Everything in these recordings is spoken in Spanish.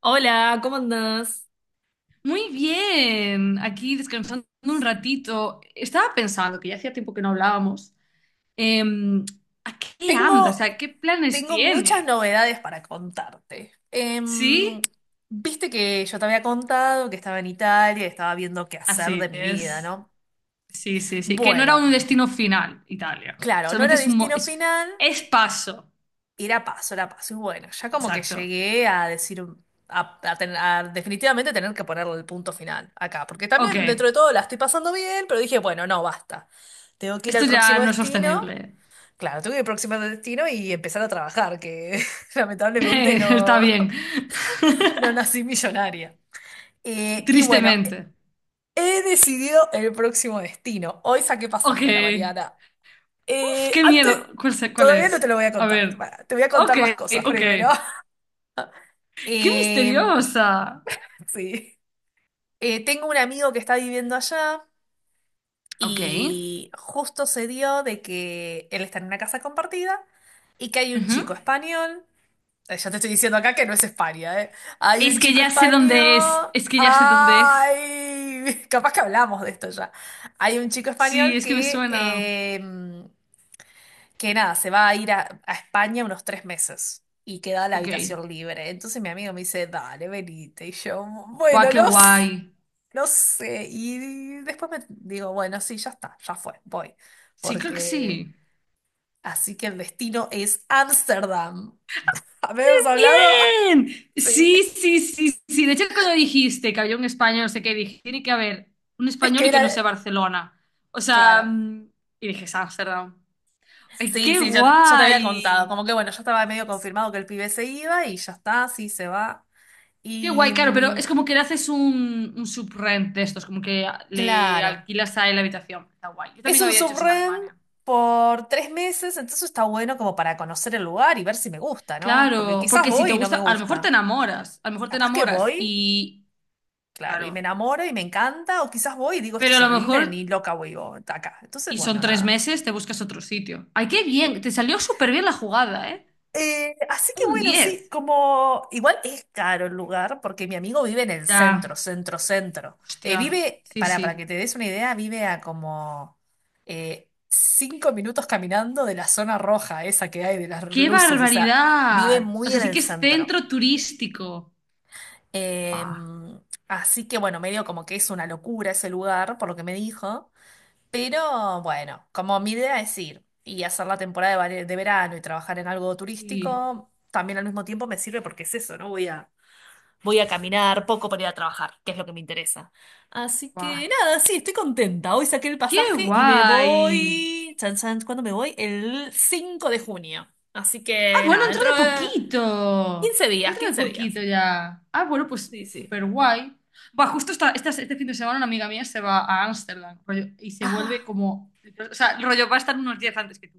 Hola, ¿cómo andás? Muy bien, aquí descansando un ratito. Estaba pensando que ya hacía tiempo que no hablábamos, em, ¿a qué andas? O Tengo, sea, ¿qué planes tengo muchas tienes? novedades para contarte. ¿Sí? Viste que yo te había contado que estaba en Italia y estaba viendo qué hacer de Así mi vida, es. ¿no? Sí. Que no era Bueno, un destino final, Italia. claro, no Solamente era es un... mo- destino Es, final, es paso. era paso, era paso. Y bueno, ya como que Exacto. llegué a decir, a definitivamente tener que ponerle el punto final acá, porque Ok, también dentro de todo la estoy pasando bien, pero dije, bueno, no, basta. Tengo que ir esto al ya próximo no es destino. sostenible. Claro, tuve que próximo destino y empezar a trabajar, que lamentablemente Está no, bien. no nací millonaria. Y bueno, Tristemente. he decidido el próximo destino. Hoy saqué Ok. pasaje a la Mariana. Uf, qué Antes, miedo. ¿Cuál todavía no te es? lo voy a A contar. ver. Pará, te voy a Ok, contar más cosas ok. primero. Qué Em, misteriosa. sí. Tengo un amigo que está viviendo allá Ok. y justo se dio de que él está en una casa compartida y que hay un Ujú. chico español. Ya te estoy diciendo acá que no es España, ¿eh? Hay un Es que chico ya sé dónde es. español. Es que ya sé dónde es. ¡Ay! Capaz que hablamos de esto ya. Hay un chico Sí, español es que me que, suena. eh, que nada, se va a ir a España unos 3 meses y queda la Ok. habitación libre. Entonces mi amigo me dice, dale, venite. Y yo, Va, bueno, qué no, guay. No sé. Y después me digo, bueno, sí, ya está, ya fue, voy. Sí, creo que Porque sí. así que el destino es Ámsterdam. ¿Habíamos hablado? ¡Bien! Sí, Sí. sí, sí, sí. De hecho, cuando dijiste que había un español, no sé qué, dije, tiene que haber un Es español que y que era, no sea Barcelona. O sea, claro. Y dije, es Ámsterdam. ¡Ay, Sí, qué sí, ya te había contado. guay! Como que bueno, ya estaba medio confirmado que el pibe se iba y ya está, sí, se va. Qué Y guay, claro, pero es como que le haces un subrent de estos, como que le claro, alquilas a él la habitación. Está guay. Yo es también un había hecho eso en subren Alemania. por 3 meses, entonces está bueno como para conocer el lugar y ver si me gusta, ¿no? Porque Claro, quizás porque si voy te y no gusta, me a lo mejor te gusta. enamoras, a lo mejor te Capaz que enamoras voy, y, claro, y me claro, enamoro y me encanta, o quizás voy y digo, esto pero es a lo horrible, ni mejor, loca voy yo de acá. Entonces, y son bueno, tres nada. meses, te buscas otro sitio. Ay, qué bien, te salió súper bien la jugada, ¿eh? Así que Un bueno, sí, diez. como igual es caro el lugar porque mi amigo vive en el Ya, centro, centro, centro. Hostia, Vive, sí, para que sí. te des una idea, vive a como 5 minutos caminando de la zona roja, esa que hay de las ¡Qué luces, o sea, vive barbaridad! O muy sea, en sí el que es centro. centro turístico. Buah, Em, Así que bueno, medio como que es una locura ese lugar, por lo que me dijo. Pero bueno, como mi idea es ir y hacer la temporada de, de verano y trabajar en algo sí, turístico, también al mismo tiempo me sirve porque es eso, ¿no? Voy a caminar poco para ir a trabajar, que es lo que me interesa. Así guau. que nada, sí, estoy contenta. Hoy saqué el ¡Qué pasaje y me guay! voy. Chan, chan, ¿cuándo me voy? El 5 de junio. Así Ah, que bueno, nada, entró dentro de de poquito. 15 días, Entró de 15 días. poquito ya. Ah, bueno, pues Sí, sí. súper guay. Va, este fin de semana una amiga mía se va a Ámsterdam rollo, y se vuelve Ah, como... O sea, rollo, va a estar unos días antes que tú.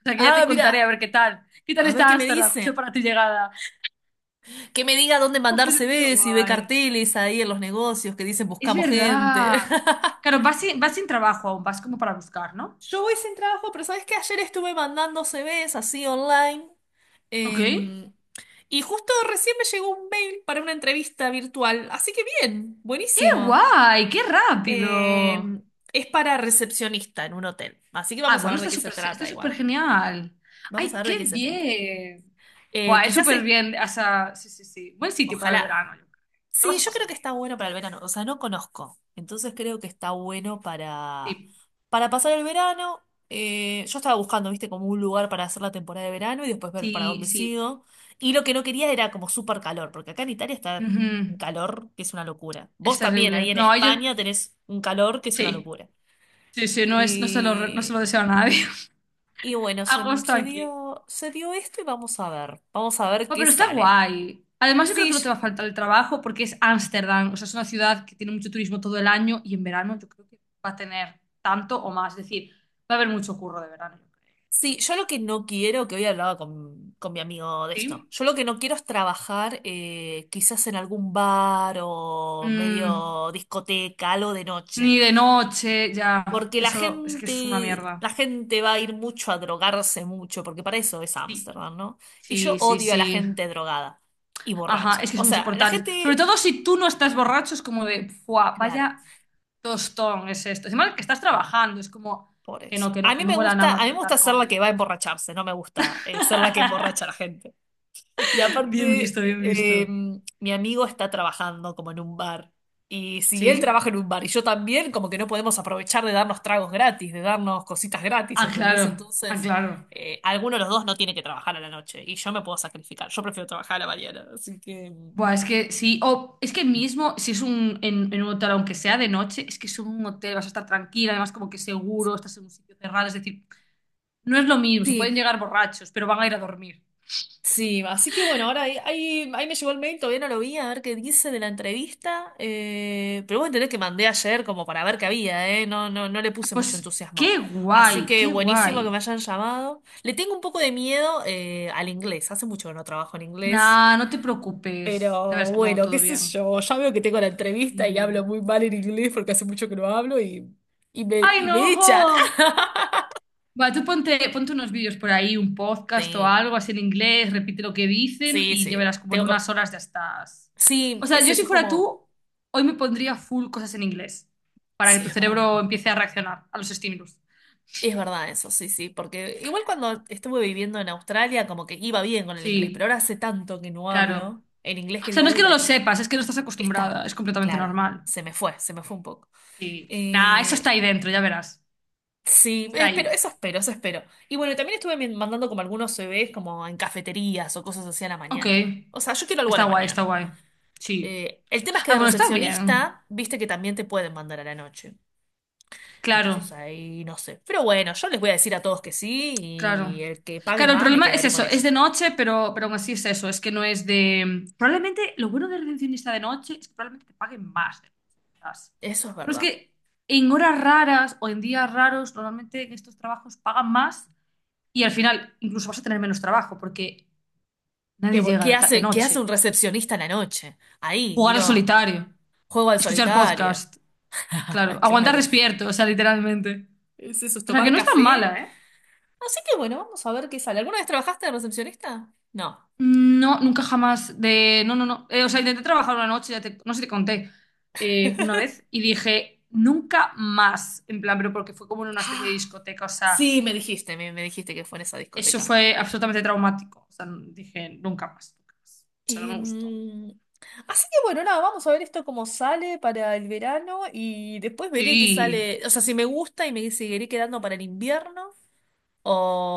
O sea, que ya te ah, contaré a mira, ver qué tal. ¿Qué tal a ver está qué me Ámsterdam justo dice. para tu llegada? Que me diga dónde Oh, mandar pero qué CVs y ve guay. carteles ahí en los negocios que dicen Es buscamos verdad. gente. Claro, vas sin trabajo aún, vas como para buscar, ¿no? Yo voy sin trabajo, pero ¿sabes qué? Ayer estuve mandando CVs así online. Ok. em, y justo recién me llegó un mail para una entrevista virtual. Así que bien, ¡Qué buenísimo. guay! ¡Qué rápido! Em, es para recepcionista en un hotel. Así que Ah, vamos a bueno, ver de qué se está trata súper igual. genial. Vamos a ¡Ay, ver de qué qué se trata. bien! Buah, es Quizás súper es, bien. O sea, sí. Buen sitio para el ojalá. verano, yo creo. Lo Sí, vas a yo pasar creo que bien. está bueno para el verano. O sea, no conozco. Entonces creo que está bueno Sí, para pasar el verano. Yo estaba buscando, viste, como un lugar para hacer la temporada de verano y después ver para sí, dónde sí. sigo. Y lo que no quería era como súper calor, porque acá en Italia está Ujú. un calor que es una locura. Es Vos también, ahí terrible. en No, yo... España tenés un calor que es una Sí, locura. sí, no, es, no se lo Y, deseo a nadie. y bueno, se, Agosto se aquí. dio, se dio esto y vamos a ver. Vamos a ver No, qué pero está sale. guay. Además, yo creo Sí, que no te va a faltar el trabajo porque es Ámsterdam. O sea, es una ciudad que tiene mucho turismo todo el año y en verano yo creo que va a tener tanto o más. Es decir, va a haber mucho curro de verano, yo creo. sí, yo O lo que no quiero, que hoy hablaba con mi amigo de esto, ¿sí? yo lo que no quiero es trabajar quizás en algún bar o Mm, medio discoteca, algo de noche, ni de noche, ya. porque la Eso es que es una gente, la mierda. gente va a ir mucho a drogarse mucho, porque para eso es Sí, Ámsterdam, ¿no? Y yo sí, sí, odio a la sí. gente drogada y Ajá, borracha. es que O son sea, la insoportables. Sobre gente, todo si tú no estás borracho, es como de, ¡fua! claro, Vaya tostón es esto. Encima que estás trabajando, es como por que eso. no, que no, A que mí no me mola gusta, nada a mí me gusta tratar ser la con que va a borracho. emborracharse, no me gusta ser la que emborracha a la gente. Y Bien aparte, visto, bien visto. Mi amigo está trabajando como en un bar. Y si él ¿Sí? trabaja en un bar y yo también, como que no podemos aprovechar de darnos tragos gratis, de darnos cositas gratis, ¿entendés? Claro, ah, Entonces, claro. Alguno de los dos no tiene que trabajar a la noche y yo me puedo sacrificar. Yo prefiero trabajar a la mañana. Así que, Buah, es que sí, o es que mismo si es un, en un hotel, aunque sea de noche, es que es un hotel, vas a estar tranquila, además como que seguro, estás en un sitio cerrado, es decir, no es lo mismo, se pueden sí. llegar borrachos, pero van a ir a dormir. Sí, así que bueno, ahora ahí me llegó el mail, todavía no lo vi, a ver qué dice de la entrevista. Pero vos entendés que mandé ayer como para ver qué había, ¿eh? No, no, no le puse mucho Pues entusiasmo. qué Así guay, que qué buenísimo que me guay. hayan llamado. Le tengo un poco de miedo al inglés, hace mucho que no trabajo en inglés. Nah, no te preocupes. Ya Pero verás como bueno, todo qué sé bien. yo, ya veo que tengo la entrevista y hablo Sí. muy mal en inglés porque hace mucho que no hablo y, y me, ¡Ay, y me no! echan. ¡Jo! Va, tú ponte, ponte unos vídeos por ahí, un podcast o Sí, algo así en inglés, repite lo que dicen sí, y ya sí, verás como en tengo que... unas horas ya estás. Sí, O sea, es yo eso, si es fuera como... tú, hoy me pondría full cosas en inglés para que Sí, tu es verdad. cerebro empiece a reaccionar a los estímulos. Es verdad eso, sí, sí, porque igual cuando estuve viviendo en Australia como que iba bien con el inglés, pero Sí, ahora hace tanto que no claro. hablo en inglés que O sea, digo, no es uy, que no lo sepas, es que no estás acostumbrada, está, es completamente claro, normal. se me fue un poco. Sí. Nah, eso está Eh, ahí dentro, ya verás. sí, Está espero, ahí. eso espero, eso espero. Y bueno, también estuve mandando como algunos CVs como en cafeterías o cosas así a la Ok, mañana. O sea, yo quiero algo a está la guay, está mañana. guay. Sí. El tema es que Ah, de bueno, está bien. recepcionista, viste que también te pueden mandar a la noche. Claro, Entonces ahí no sé. Pero bueno, yo les voy a decir a todos que sí y claro. el que pague Claro, el más me problema es quedaré con eso, es de ellos. noche, pero aún así es eso, es que no es de... Probablemente lo bueno del recepcionista de noche es que probablemente te paguen más de lo que estás. Eso es Pero es verdad. que en horas raras o en días raros, normalmente en estos trabajos pagan más y al final incluso vas a tener menos trabajo porque ¿Qué, nadie bo- llega qué de, ta- de hace, qué hace un noche. recepcionista en la noche? Ahí, Jugar al miro, solitario, juego al escuchar solitario. podcast, claro, aguantar Claro. despierto, o sea, literalmente. Es eso, es O sea, que tomar no es tan café. mala, ¿eh? Así que bueno, vamos a ver qué sale. ¿Alguna vez trabajaste de recepcionista? No. No, nunca jamás de... No. O sea, intenté trabajar una noche, no sé si te conté, una vez y dije, nunca más. En plan, pero porque fue como en una especie de Ah, discoteca. O sea, sí, me dijiste que fue en esa eso discoteca. fue absolutamente traumático. O sea, dije, nunca más, nunca más. O sea, no me gustó. Em, Así que bueno, nada, vamos a ver esto cómo sale para el verano y después veré qué Sí. sale, o sea, si me gusta y me seguiré quedando para el invierno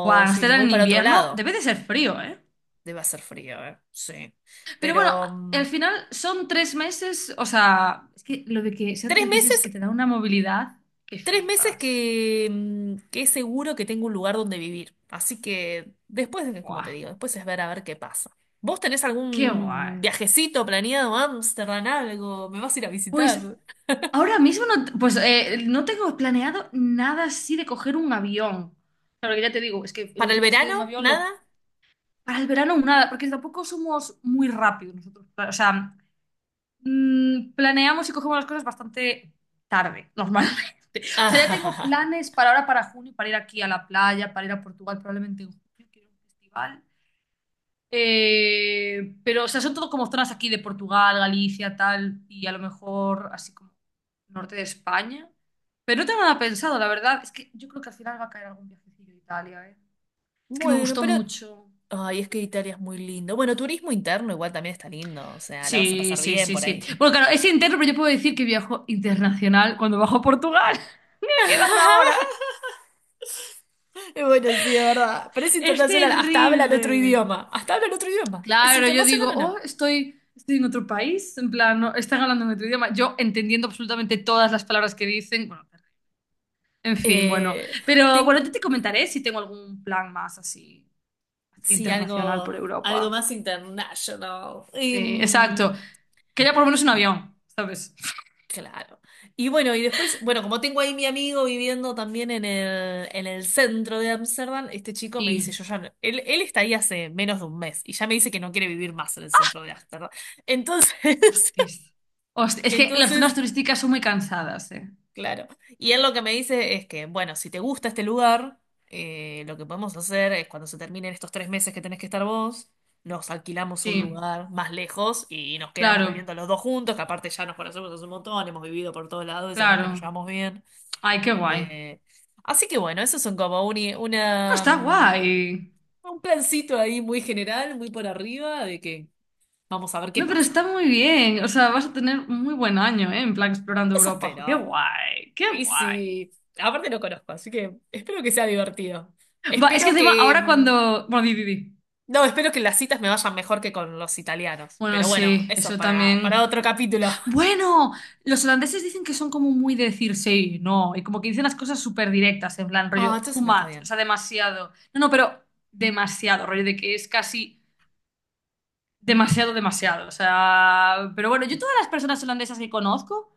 Buah, si me Amsterdam voy en para otro invierno lado. debe de ser frío, ¿eh? Debe hacer frío, ¿eh? Sí. Pero bueno, Pero al final son tres meses. O sea, es que lo de que sean tres tres meses meses, que te da una movilidad que 3 meses flipas. que, que es seguro que tengo un lugar donde vivir. Así que después, como te Buah, digo, después es ver a ver qué pasa. ¿Vos tenés qué guay. algún viajecito planeado a Ámsterdam, algo? ¿Me vas a ir a Pues visitar? ahora mismo no, pues, no tengo planeado nada así de coger un avión. Claro que ya te digo, es que el ¿Para el último así de verano? un avión ¿Nada? lo, para el verano nada, porque tampoco somos muy rápidos nosotros. O sea, planeamos y cogemos las cosas bastante tarde, normalmente. O sea, ya tengo Ah, planes para ahora, para junio, para ir aquí a la playa, para ir a Portugal probablemente en junio, quiero un festival. Pero, o sea, son todo como zonas aquí de Portugal, Galicia, tal, y a lo mejor así como norte de España. Pero no tengo nada pensado, la verdad. Es que yo creo que al final va a caer algún viajecillo a Italia, ¿eh? Es que me bueno, gustó pero... mucho. Ay, es que Italia es muy lindo. Bueno, turismo interno igual también está lindo. O sea, la vas a Sí, pasar sí, bien sí, por sí. ahí. Bueno, claro, es interno, pero yo puedo decir que viajo internacional cuando bajo a Portugal. Me queda una hora. Y bueno, sí, es verdad. Pero es Es internacional. Hasta hablan otro terrible. idioma. Hasta hablan otro idioma. ¿Es Claro, yo internacional digo, o no? oh, estoy en otro país, en plan, no, están hablando en otro idioma. Yo entendiendo absolutamente todas las palabras que dicen, bueno, en fin, bueno. Eh, Pero bueno, yo Tengo, te comentaré si tengo algún plan más así, así sí, internacional por algo, algo Europa. más international. Sí, exacto. Que ya por lo menos un Y, avión, ¿sabes? Claro. Y bueno, y después, bueno, como tengo ahí mi amigo viviendo también en el centro de Ámsterdam, este chico me dice, Y, yo ya, no- él está ahí hace menos de un mes y ya me dice que no quiere vivir más en el centro de Ámsterdam. Entonces, hostis. Es que las zonas entonces turísticas son muy cansadas, ¿eh? claro. Y él lo que me dice es que, bueno, si te gusta este lugar, lo que podemos hacer es cuando se terminen estos 3 meses que tenés que estar vos, nos alquilamos un Sí, lugar más lejos y nos quedamos claro, viviendo los dos juntos, que aparte ya nos conocemos hace un montón, hemos vivido por todos lados y sabemos que nos claro. llevamos bien. Ay, qué guay. No, Eh, Así que bueno, eso son como un, una, está mm, guay. un plancito ahí muy general, muy por arriba, de que vamos a ver qué No, pero pasa. está muy bien. O sea, vas a tener muy buen año, ¿eh? En plan explorando Eso Europa. Jo, qué espero. guay, qué Y guay. sí, aparte lo conozco, así que espero que sea divertido. Va, es que Espero encima que... ahora cuando... Bueno, di. No, espero que las citas me vayan mejor que con los italianos. Bueno, Pero bueno, sí, eso es eso para también. otro capítulo. Bueno, los holandeses dicen que son como muy de decir sí, no, y como que dicen las cosas súper directas, en plan Ah, rollo, too entonces me está much, o bien. sea, demasiado. No, no, pero demasiado, rollo de que es casi demasiado, demasiado. O sea, pero bueno, yo todas las personas holandesas que conozco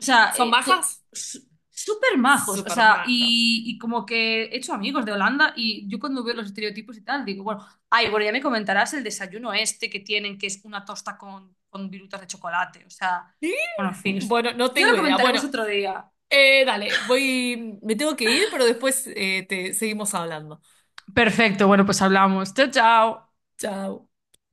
o sea, ¿Son majas? Súper majos, o Súper sea, majas. Y como que he hecho amigos de Holanda y yo cuando veo los estereotipos y tal, digo, bueno, ay, bueno, ya me comentarás el desayuno este que tienen, que es una tosta con virutas de chocolate, o sea, ¿Y? bueno, en fin, esto Bueno, no ya tengo lo idea. comentaremos Bueno, otro día. Dale, voy... Me tengo que ir, pero después te seguimos hablando. Perfecto, bueno, pues hablamos. Chao, chao. Chao.